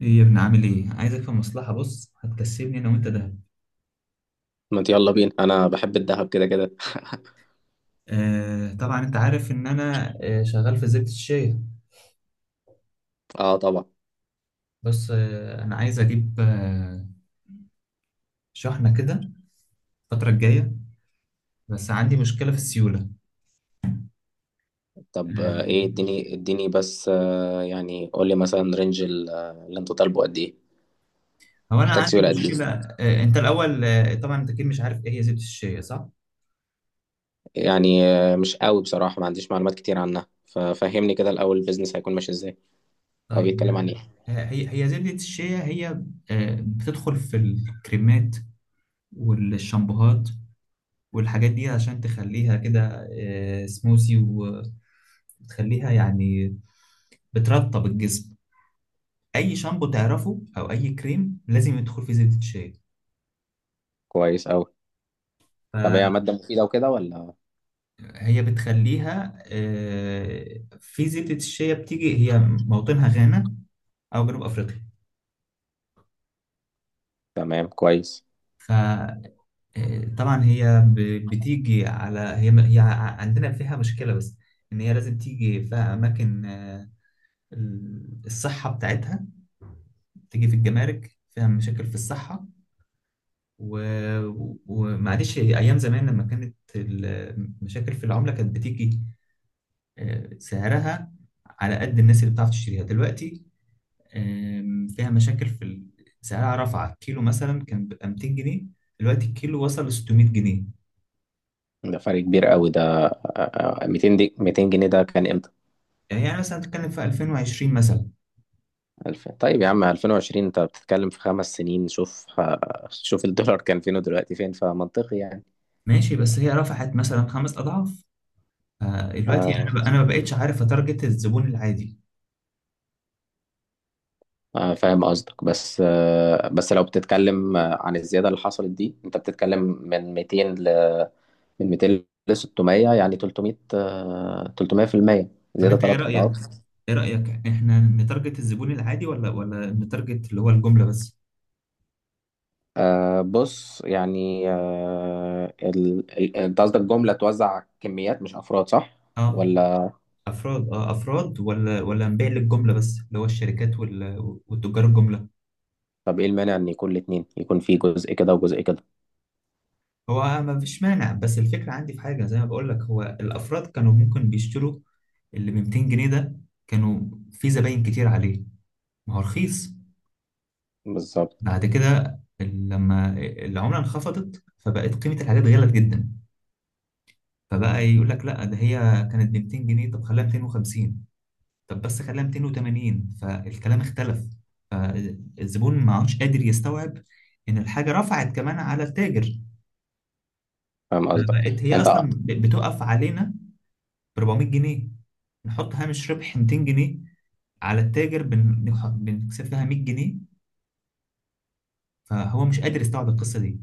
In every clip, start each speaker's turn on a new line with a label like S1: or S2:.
S1: ايه يا ابني عامل ايه؟ عايزك في مصلحة، بص، هتكسبني انا وانت ده.
S2: ما انت، يلا بينا، انا بحب الذهب كده كده.
S1: آه، طبعا انت عارف ان انا شغال في زبدة الشاي.
S2: اه، طبعا.
S1: بس انا عايز اجيب شحنة كده الفترة الجاية، بس عندي مشكلة في السيولة.
S2: طب
S1: آه
S2: ايه؟ اديني اديني بس، يعني قول لي مثلا رينج اللي انت طالبه قد ايه؟
S1: هو انا
S2: محتاج
S1: عندي
S2: سيوله قد ايه؟
S1: مشكلة، انت الاول، طبعا انت اكيد مش عارف ايه هي زبدة الشيا، صح؟
S2: يعني مش قوي، بصراحه ما عنديش معلومات كتير عنها، ففهمني كده الاول البيزنس هيكون ماشي ازاي او
S1: طيب،
S2: بيتكلم عن ايه.
S1: هي زبدة الشيا هي بتدخل في الكريمات والشامبوهات والحاجات دي عشان تخليها كده سموزي، بتخليها يعني بترطب الجسم. اي شامبو تعرفه او اي كريم لازم يدخل فيه زبدة شيا،
S2: كويس قوي. طب
S1: فهي
S2: هي ماده مفيده وكده، ولا؟
S1: بتخليها. في زبدة الشيا، بتيجي هي موطنها غانا او جنوب افريقيا.
S2: تمام، كويس.
S1: فطبعا هي بتيجي على هي عندنا فيها مشكلة، بس ان هي لازم تيجي في اماكن الصحة بتاعتها، تيجي في الجمارك فيها مشاكل في الصحة. و... ومعلش، ايام زمان لما كانت المشاكل في العمله كانت بتيجي سعرها على قد الناس اللي بتعرف تشتريها. دلوقتي فيها مشاكل في سعرها رفع. كيلو مثلا كان بيبقى 200 جنيه، دلوقتي الكيلو وصل ل 600 جنيه.
S2: ده فرق كبير قوي ده. 200 دي، 200 جنيه ده كان امتى؟
S1: يعني مثلا تتكلم في 2020 مثلا.
S2: ألف. طيب يا عم، 2020 أنت بتتكلم في 5 سنين. شوف الدولار كان فين ودلوقتي فين، فمنطقي يعني.
S1: ماشي، بس هي رفعت مثلا 5 اضعاف. فدلوقتي
S2: آه،
S1: انا ما بقتش عارف اتارجت الزبون العادي.
S2: فاهم قصدك. بس لو بتتكلم عن الزيادة اللي حصلت دي، أنت بتتكلم من 200 ل 600، يعني 300%
S1: طب
S2: زيادة،
S1: انت ايه
S2: ثلاث
S1: رايك،
S2: أضعاف
S1: احنا نتارجت الزبون العادي ولا نتارجت اللي هو الجمله بس؟
S2: آه، بص. يعني انت قصدك جملة توزع كميات مش أفراد، صح؟
S1: اه،
S2: ولا؟
S1: افراد، اه افراد، ولا نبيع للجمله بس اللي هو الشركات والتجار الجمله.
S2: طب ايه المانع ان يكون الاتنين، يكون في جزء كده وجزء كده؟
S1: هو ما فيش مانع، بس الفكره عندي في حاجه زي ما بقول لك، هو الافراد كانوا ممكن بيشتروا اللي ب 200 جنيه ده، كانوا في زباين كتير عليه، ما هو رخيص.
S2: بالظبط.
S1: بعد كده لما العمله انخفضت فبقت قيمه الحاجات غلت جدا، فبقى يقول لك لا، ده هي كانت ب 200 جنيه، طب خليها 250، طب بس خليها 280. فالكلام اختلف، فالزبون ما عادش قادر يستوعب ان الحاجه رفعت كمان على التاجر.
S2: فاهم قصدك.
S1: فبقت هي
S2: انت،
S1: اصلا بتقف علينا ب 400 جنيه، نحط هامش ربح 200 جنيه على التاجر، بنكسب لها 100 جنيه، فهو مش قادر يستوعب القصه دي.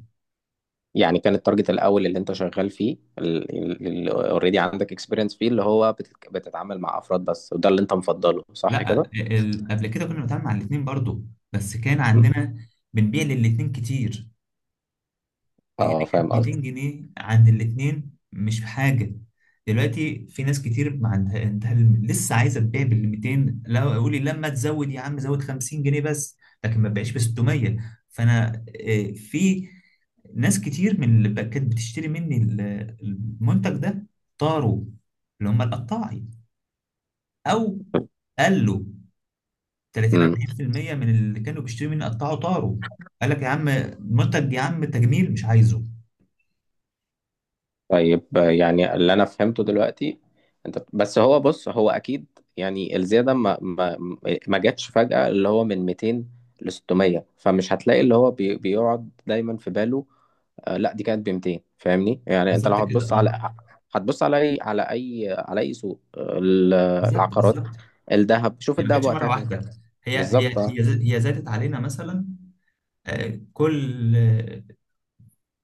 S2: يعني كان التارجت الاول اللي انت شغال فيه، اللي اوريدي عندك اكسبيرينس فيه، اللي هو بتتعامل مع افراد بس، وده اللي انت مفضله، صح كده؟
S1: لا، قبل كده كنا بنتعامل مع الاثنين برضو، بس كان
S2: م.
S1: عندنا بنبيع للاثنين كتير لان
S2: اه،
S1: كانت
S2: فاهم
S1: 200
S2: قصدك.
S1: جنيه عند الاتنين مش حاجه. دلوقتي في ناس كتير ما عندها لسه عايزه تبيع بال 200، لا، اقول لي لما تزود يا عم زود 50 جنيه بس، لكن ما تبقاش ب 600. فانا في ناس كتير من اللي كانت بتشتري مني المنتج ده طاروا، اللي هم القطاعي، او قالوا 30
S2: امم.
S1: 40% من اللي كانوا بيشتروا مني قطعوا طاروا. قال لك يا عم منتج، يا عم تجميل مش عايزه.
S2: طيب، يعني اللي انا فهمته دلوقتي انت، بس هو بص، هو اكيد يعني الزياده ما جاتش فجأة، اللي هو من 200 ل 600، فمش هتلاقي اللي هو بيقعد دايما في باله. لا، دي كانت ب 200، فاهمني؟ يعني انت لو
S1: بالظبط كده، اه،
S2: هتبص على اي سوق،
S1: بالظبط،
S2: العقارات،
S1: بالظبط.
S2: شوف
S1: هي ما
S2: الذهب
S1: جاتش
S2: وقتها
S1: مره
S2: كان كام؟
S1: واحده،
S2: بالظبط، اه.
S1: هي زادت علينا مثلا كل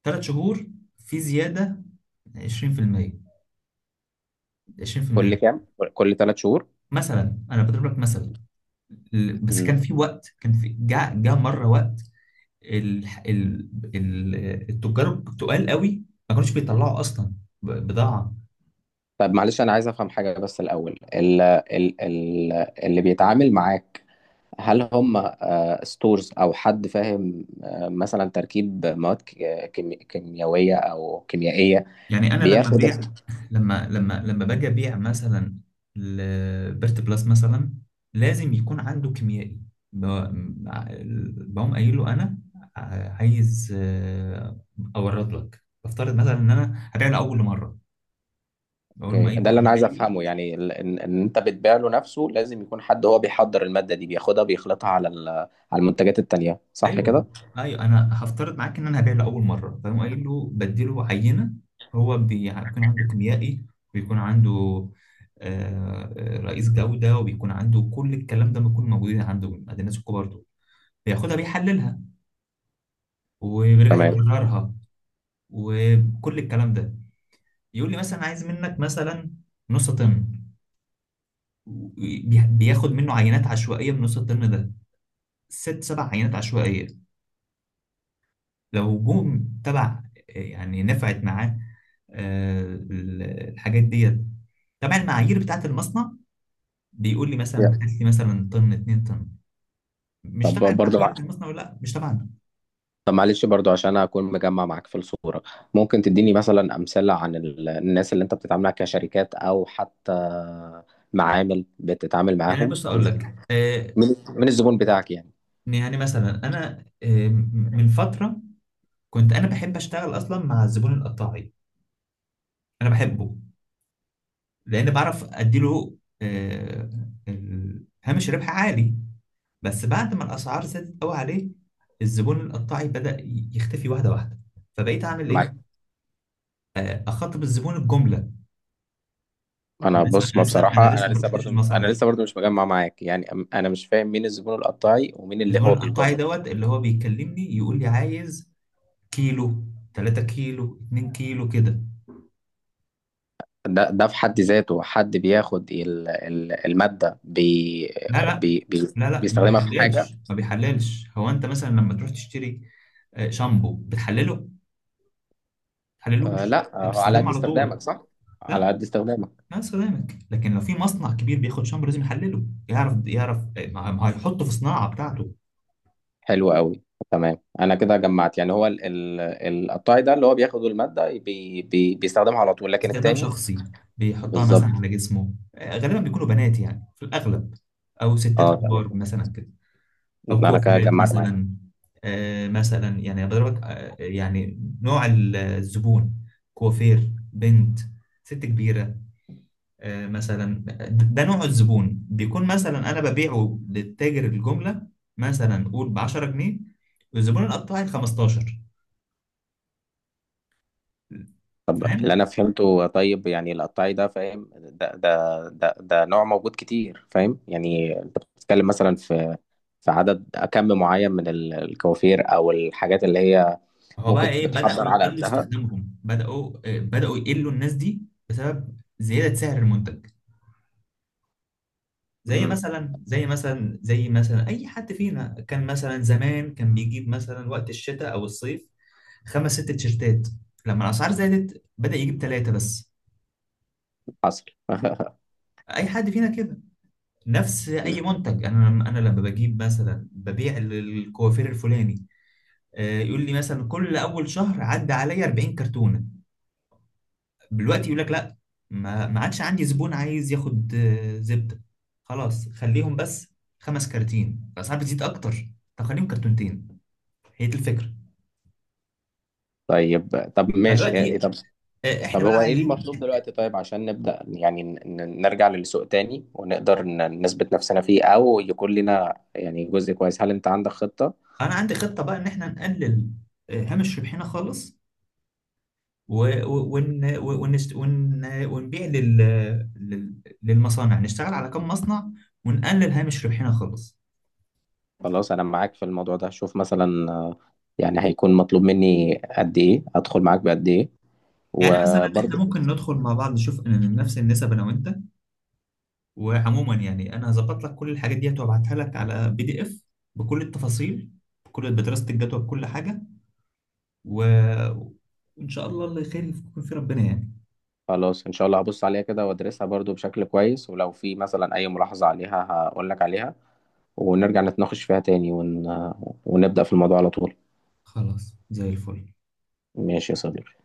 S1: 3 شهور في زياده 20%،
S2: كل
S1: 20%.
S2: كام؟ كل 3 شهور؟
S1: مثلا انا بضرب لك مثلا، بس
S2: مم.
S1: كان في وقت، كان في جاء مره وقت ال ال ال التجار التقال قوي، ما كانوش بيطلعوا اصلا بضاعه.
S2: طب معلش، انا عايز افهم حاجه بس الاول. ال ال ال اللي بيتعامل معاك، هل هم ستورز، او حد فاهم مثلا تركيب مواد، كيميائيه او كيميائيه؟
S1: يعني انا لما
S2: بياخد.
S1: ببيع لما لما لما باجي ابيع مثلا لبيرت بلس مثلا، لازم يكون عنده كيميائي، ب- بقوم قايل له انا عايز اورد لك. بفترض مثلا ان انا هبيع لاول مره، بقول له
S2: اوكي،
S1: قايل
S2: ده
S1: له
S2: اللي انا
S1: انا
S2: عايز
S1: جاي.
S2: افهمه. يعني ان انت بتبيع له نفسه، لازم يكون حد هو بيحضر المادة دي، بياخدها بيخلطها على المنتجات التانية، صح كده؟
S1: ايوه، ايوه، انا هفترض معاك ان انا هبيع له اول مره، فاهم، قايل له بديله عينه. هو بيكون عنده كيميائي، بيكون عنده رئيس جوده، وبيكون عنده كل الكلام ده، بيكون موجود عنده عند الناس الكبار دول. بياخدها بيحللها وبيرجع
S2: تمام.
S1: يكررها وكل الكلام ده. يقول لي مثلا عايز منك مثلا نص طن، بياخد منه عينات عشوائيه من نص الطن ده، ست سبع عينات عشوائيه. لو جم تبع يعني نفعت معاه آه، ال- الحاجات ديت، طبعا المعايير بتاعت المصنع، بيقول لي
S2: yeah.
S1: مثلا هات لي مثلا طن، 2 طن. مش
S2: طب
S1: تبع
S2: برضه
S1: المعايير بتاع المصنع، ولا لا مش تبعنا.
S2: طب معلش برضه، عشان اكون مجمع معاك في الصورة، ممكن تديني مثلا امثلة عن الناس اللي انت بتتعامل معاها كشركات، او حتى معامل بتتعامل
S1: يعني
S2: معاهم،
S1: بص اقول لك
S2: من من الزبون بتاعك يعني؟
S1: يعني مثلا انا من فتره كنت انا بحب اشتغل اصلا مع الزبون القطاعي، انا بحبه لان بعرف اديله آه، هامش ربح عالي. بس بعد ما الاسعار زادت قوي عليه، الزبون القطاعي بدأ يختفي واحده واحده، فبقيت اعمل ايه؟
S2: معاك.
S1: اخاطب الزبون الجمله.
S2: انا، بص، ما
S1: انا
S2: بصراحه انا
S1: لسه ما
S2: لسه
S1: رحتش
S2: برضو،
S1: المصانع،
S2: مش مجمع معاك. يعني انا مش فاهم مين الزبون القطاعي ومين
S1: بس
S2: اللي
S1: بقول
S2: هو
S1: القطاعي
S2: بالجمله.
S1: دوت اللي هو بيكلمني، يقول لي عايز كيلو، 3 كيلو، 2 كيلو كده.
S2: ده في حد ذاته حد بياخد المادة، بي
S1: لا لا
S2: بي بي
S1: لا لا، ما
S2: بيستخدمها في حاجة؟
S1: بيحللش، ما بيحللش. هو انت مثلا لما تروح تشتري شامبو بتحلله؟ ما
S2: آه
S1: بتحللوش،
S2: لا،
S1: انت
S2: آه، على
S1: بتستخدمه
S2: قد
S1: على طول.
S2: استخدامك، صح. على
S1: لا،
S2: قد استخدامك.
S1: ما استخدامك، لكن لو في مصنع كبير بياخد شامبو لازم يحلله، يعرف ما هيحطه في صناعة بتاعته.
S2: حلو قوي. تمام، انا كده جمعت. يعني هو القطاعي ده اللي هو بياخد المادة، بي بي بيستخدمها على طول، لكن
S1: استخدام
S2: التاني.
S1: شخصي، بيحطها مثلا
S2: بالظبط،
S1: على جسمه، غالبا بيكونوا بنات يعني في الأغلب، أو ستات
S2: اه. تمام،
S1: كبار مثلا كده، أو
S2: انا كده
S1: كوافيرات
S2: جمعت معاك.
S1: مثلا. مثلا يعني بضربك، يعني نوع الزبون: كوافير، بنت، ست كبيرة. مثلا، ده نوع الزبون بيكون، مثلا أنا ببيعه للتاجر الجملة مثلا قول ب 10 جنيه، والزبون القطاعي 15.
S2: طب اللي
S1: فاهم،
S2: انا فهمته، طيب يعني القطاعي ده، فاهم؟ ده نوع موجود كتير، فاهم؟ يعني انت بتتكلم مثلا في عدد كم معين من الكوافير، او الحاجات اللي هي
S1: هو بقى
S2: ممكن
S1: ايه، بدأوا
S2: بتحضر على
S1: يقلوا
S2: قدها.
S1: استخدامهم، بدأوا يقلوا الناس دي بسبب زيادة سعر المنتج. زي
S2: امم.
S1: مثلا زي مثلا زي مثلا اي حد فينا كان مثلا زمان كان بيجيب مثلا وقت الشتاء او الصيف خمس ست تيشيرتات، لما الاسعار زادت بدأ يجيب ثلاثة بس.
S2: حصل.
S1: اي حد فينا كده، نفس اي منتج. انا لما بجيب مثلا ببيع الكوافير الفلاني، يقول لي مثلا كل اول شهر عدى عليا 40 كرتونة، دلوقتي يقول لك لا، ما عادش عندي زبون عايز ياخد زبده، خلاص خليهم بس 5 كراتين، الاسعار بتزيد اكتر، طب خليهم كرتونتين. هي دي الفكره.
S2: طيب طب ماشي. إيه،
S1: فدلوقتي
S2: طب.
S1: احنا
S2: طب
S1: بقى
S2: هو ايه
S1: عايزين،
S2: المطلوب دلوقتي، طيب؟ عشان نبدأ يعني نرجع للسوق تاني، ونقدر نثبت نفسنا فيه، او يكون لنا يعني جزء كويس. هل انت عندك خطة؟
S1: انا عندي خطه بقى ان احنا نقلل هامش ربحنا خالص و- و- ون ونشت ون ونبيع لل... للمصانع، نشتغل على كم مصنع ونقلل هامش ربحنا خالص.
S2: خلاص، انا معاك في الموضوع ده. شوف مثلا، يعني هيكون مطلوب مني قد ايه؟ ادخل معاك بقد ايه؟
S1: يعني مثلا احنا
S2: وبرضه.
S1: ممكن ندخل مع بعض نشوف إن نفس النسب انا وانت، وعموما يعني انا هظبط لك كل الحاجات ديت وابعتها لك على PDF بكل التفاصيل، بدراسة الجدوى، بكل حاجة و... وان شاء الله اللي خير يكون في ربنا يعني.
S2: خلاص، ان شاء الله هبص عليها كده وادرسها برضه بشكل كويس، ولو في مثلا اي ملاحظة عليها هقول لك عليها، ونرجع نتناقش فيها تاني، ونبدأ في الموضوع على طول.
S1: خلاص زي الفل.
S2: ماشي يا صديقي.